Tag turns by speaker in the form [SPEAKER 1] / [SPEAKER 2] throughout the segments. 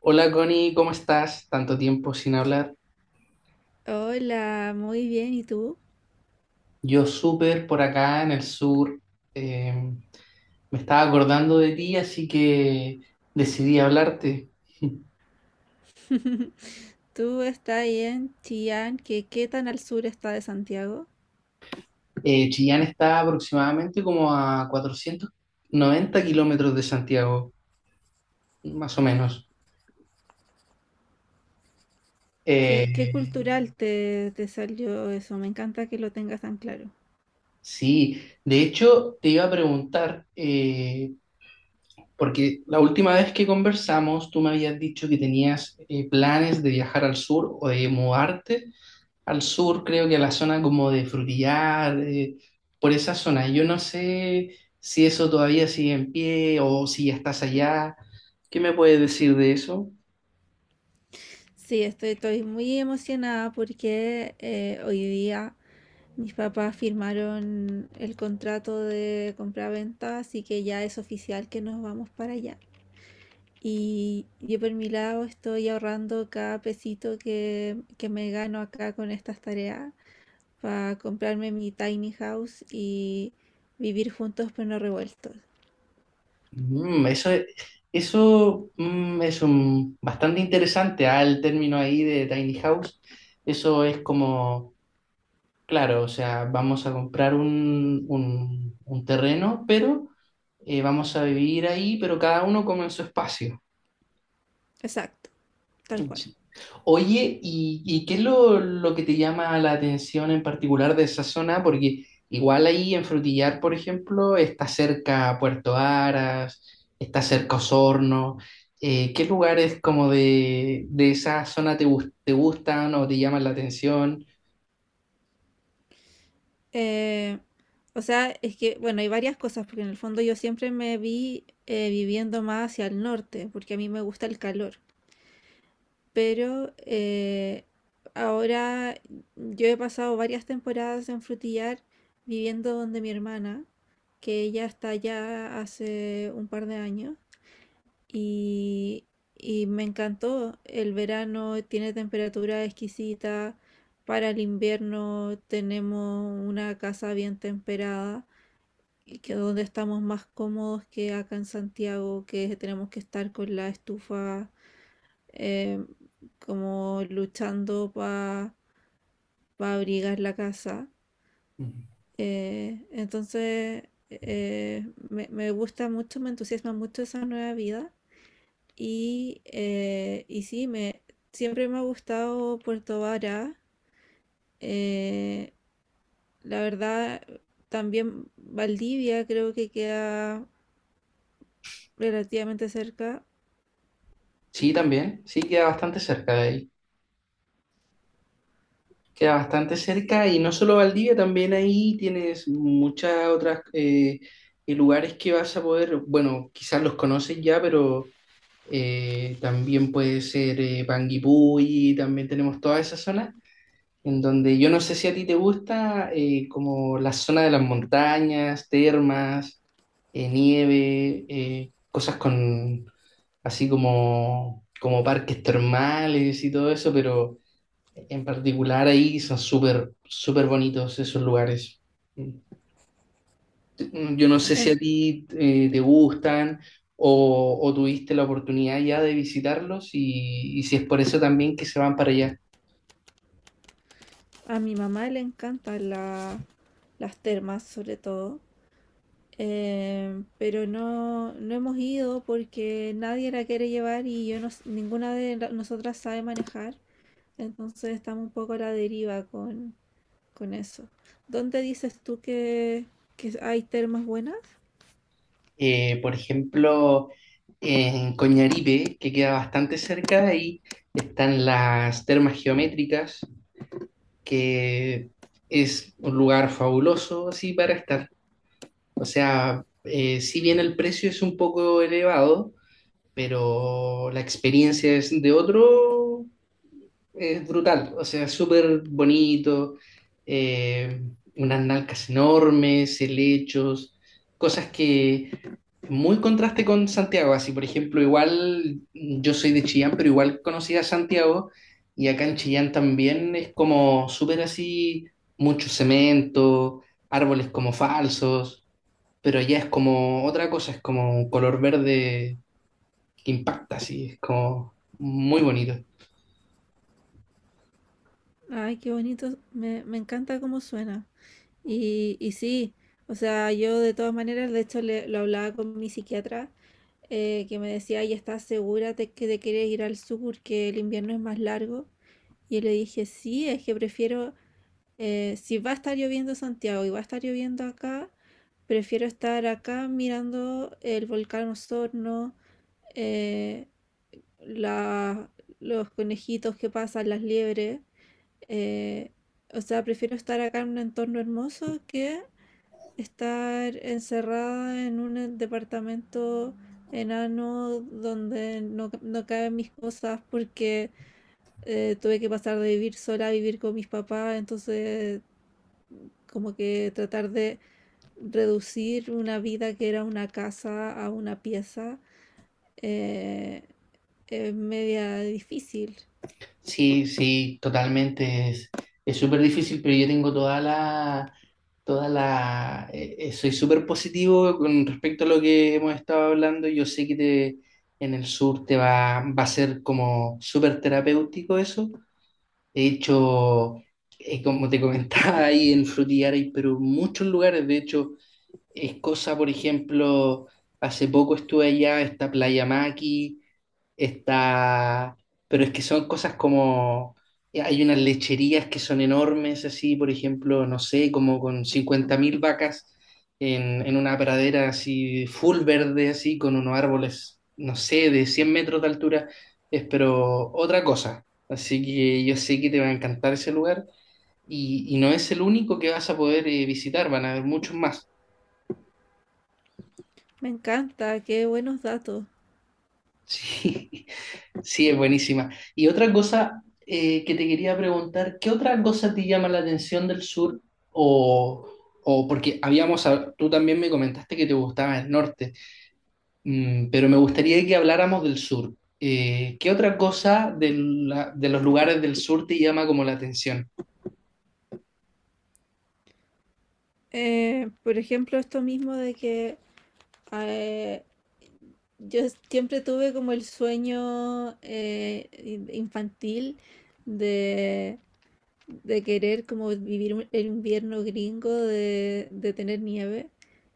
[SPEAKER 1] Hola Connie, ¿cómo estás? Tanto tiempo sin hablar.
[SPEAKER 2] Hola, muy bien, ¿y tú?
[SPEAKER 1] Yo súper por acá en el sur. eh, me estaba acordando de ti, así que decidí hablarte.
[SPEAKER 2] ¿Tú estás ahí en Chillán? ¿Qué tan al sur está de Santiago?
[SPEAKER 1] Chillán está aproximadamente como a 490 kilómetros de Santiago, más o menos.
[SPEAKER 2] ¿Qué
[SPEAKER 1] Eh,
[SPEAKER 2] cultural te salió eso? Me encanta que lo tengas tan claro.
[SPEAKER 1] sí, de hecho te iba a preguntar, porque la última vez que conversamos tú me habías dicho que tenías planes de viajar al sur o de mudarte, al sur, creo que a la zona como de Frutillar, por esa zona. Yo no sé si eso todavía sigue en pie o si ya estás allá. ¿Qué me puedes decir de eso?
[SPEAKER 2] Sí, estoy muy emocionada porque hoy día mis papás firmaron el contrato de compra-venta, así que ya es oficial que nos vamos para allá. Y yo por mi lado estoy ahorrando cada pesito que me gano acá con estas tareas para comprarme mi tiny house y vivir juntos pero no revueltos.
[SPEAKER 1] Mm, eso es, eso es un, bastante interesante, ah, el término ahí de tiny house. Eso es como, claro, o sea, vamos a comprar un terreno, pero vamos a vivir ahí, pero cada uno como en su espacio.
[SPEAKER 2] Exacto, tal cual.
[SPEAKER 1] Oye, ¿y qué es lo que te llama la atención en particular de esa zona? Porque igual ahí en Frutillar, por ejemplo, está cerca Puerto Aras, está cerca Osorno. ¿Qué lugares como de esa zona te gustan o te llaman la atención?
[SPEAKER 2] Eh, o sea, es que, bueno, hay varias cosas, porque en el fondo yo siempre me vi viviendo más hacia el norte, porque a mí me gusta el calor. Pero ahora yo he pasado varias temporadas en Frutillar viviendo donde mi hermana, que ella está allá hace un par de años. Y, y me encantó. El verano tiene temperatura exquisita. Para el invierno tenemos una casa bien temperada, y que donde estamos más cómodos que acá en Santiago, que tenemos que estar con la estufa eh, como luchando para abrigar la casa.
[SPEAKER 1] Ujú.
[SPEAKER 2] Entonces, me gusta mucho, me entusiasma mucho esa nueva vida. Y sí, siempre me ha gustado Puerto Vara. eh, la verdad, también Valdivia creo que queda relativamente cerca.
[SPEAKER 1] Sí, también, sí, queda bastante cerca de ahí. Queda bastante
[SPEAKER 2] Sí.
[SPEAKER 1] cerca y no solo Valdivia, también ahí tienes muchas otras lugares que vas a poder, bueno, quizás los conoces ya, pero también puede ser Panguipulli, también tenemos toda esa zona, en donde yo no sé si a ti te gusta como la zona de las montañas, termas, nieve, cosas con así como parques termales y todo eso, pero. En particular ahí son súper, súper bonitos esos lugares. Yo no sé si a
[SPEAKER 2] En-
[SPEAKER 1] ti te gustan o tuviste la oportunidad ya de visitarlos y si es por eso también que se van para allá.
[SPEAKER 2] a mi mamá le encantan las termas, sobre todo. Pero no, no hemos ido porque nadie la quiere llevar y yo no s- ninguna de nosotras sabe manejar. Entonces estamos un poco a la deriva con eso. ¿Dónde dices tú que hay termas buenas?
[SPEAKER 1] Por ejemplo, en Coñaripe, que queda bastante cerca de ahí, están las termas geométricas, que es un lugar fabuloso así para estar. O sea, si bien el precio es un poco elevado, pero la experiencia es de otro, es brutal, o sea, súper bonito, eh, unas nalcas enormes, helechos, cosas que muy contraste con Santiago, así por ejemplo, igual yo soy de Chillán, pero igual conocí a Santiago y acá en Chillán también es como súper así, mucho cemento, árboles como falsos. Pero allá es como otra cosa, es como un color verde que impacta, sí, es como muy bonito.
[SPEAKER 2] Ay, qué bonito, me encanta cómo suena. Y sí, o sea, yo de todas maneras, de hecho lo hablaba con mi psiquiatra, que me decía, ¿y estás segura de que te quieres ir al sur, que el invierno es más largo? Y yo le dije, sí, es que prefiero, si va a estar lloviendo en Santiago y va a estar lloviendo acá, prefiero estar acá mirando el volcán Osorno, eh, la- los conejitos que pasan, las liebres. eh, o sea, prefiero estar acá en un entorno hermoso que estar encerrada en un departamento enano donde no caben mis cosas porque tuve que pasar de vivir sola a vivir con mis papás, entonces como que tratar de reducir una vida que era una casa a una pieza eh, es media difícil.
[SPEAKER 1] Sí, sí, totalmente. Es súper difícil, pero yo tengo toda la, soy súper positivo con respecto a lo que hemos estado hablando. Yo sé que te, en el sur te va a ser como súper terapéutico eso. De hecho, como te comentaba ahí en Frutillar hay pero muchos lugares, de hecho, es cosa, por ejemplo, hace poco estuve allá, está Playa Maqui, está, pero es que son cosas como, hay unas lecherías que son enormes, así, por ejemplo, no sé, como con 50.000 vacas en una pradera así, full verde, así, con unos árboles, no sé, de 100 metros de altura, es pero otra cosa. Así que yo sé que te va a encantar ese lugar y no es el único que vas a poder visitar, van a haber muchos más.
[SPEAKER 2] Me encanta, qué buenos datos.
[SPEAKER 1] Sí, sí, es buenísima. Y otra cosa que te quería preguntar, ¿qué otra cosa te llama la atención del sur? O, o porque habíamos, tú también me comentaste que te gustaba el norte, pero me gustaría que habláramos del sur. ¿Qué otra cosa de los lugares del sur te llama como la atención?
[SPEAKER 2] Por ejemplo, esto mismo de que eh, yo siempre tuve como el sueño infantil de, de querer como vivir el invierno gringo de tener nieve.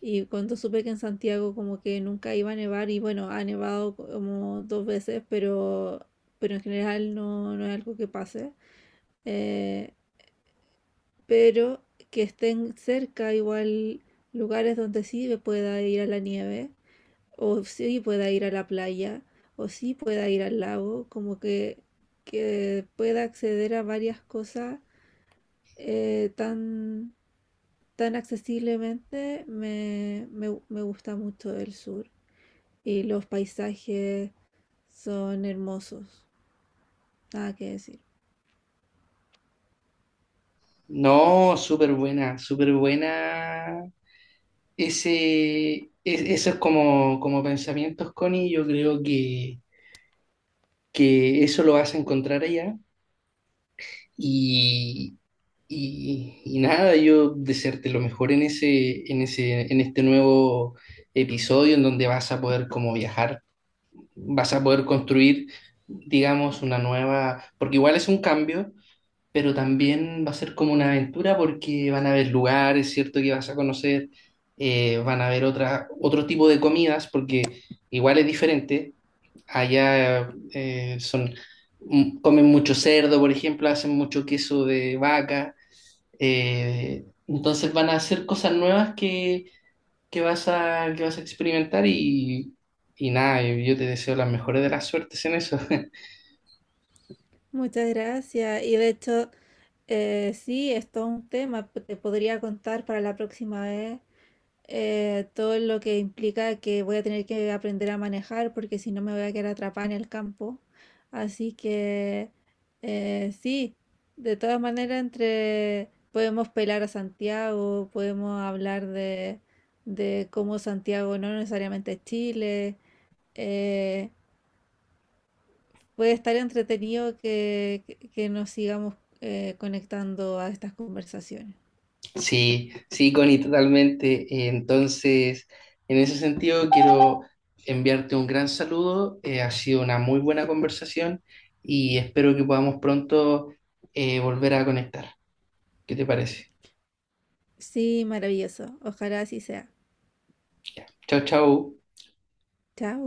[SPEAKER 2] Y cuando supe que en Santiago como que nunca iba a nevar, y bueno, ha nevado como dos veces, pero en general no, no es algo que pase. eh, pero que estén cerca igual lugares donde sí me pueda ir a la nieve, o sí pueda ir a la playa, o sí pueda ir al lago, como que pueda acceder a varias cosas eh, tan, tan accesiblemente, me gusta mucho el sur. Y los paisajes son hermosos, nada que decir.
[SPEAKER 1] No, súper buena, súper buena. Ese, esos como pensamientos, Connie, yo creo que eso lo vas a encontrar allá. Y, y nada, yo desearte lo mejor en ese, en este nuevo episodio en donde vas a poder como viajar, vas a poder construir, digamos, una nueva, porque igual es un cambio, pero también va a ser como una aventura porque van a haber lugares, ¿cierto? Que vas a conocer, van a haber otra, otro tipo de comidas porque igual es diferente. Allá son, comen mucho cerdo, por ejemplo, hacen mucho queso de vaca. Entonces van a hacer cosas nuevas que vas a experimentar y nada, yo te deseo las mejores de las suertes en eso.
[SPEAKER 2] Muchas gracias. Y de hecho, sí, es todo un tema. Te podría contar para la próxima vez todo lo que implica que voy a tener que aprender a manejar, porque si no me voy a quedar atrapada en el campo. Así que sí, de todas maneras, entre podemos pelar a Santiago, podemos hablar de cómo Santiago no necesariamente es Chile. eh, Puede estar entretenido que nos sigamos conectando a estas conversaciones.
[SPEAKER 1] Sí, sí, Connie, totalmente. Entonces, en ese sentido, quiero enviarte un gran saludo. Ha sido una muy buena conversación y espero que podamos pronto volver a conectar. ¿Qué te parece?
[SPEAKER 2] Sí, maravilloso. Ojalá así sea.
[SPEAKER 1] Chao, chao.
[SPEAKER 2] Chao.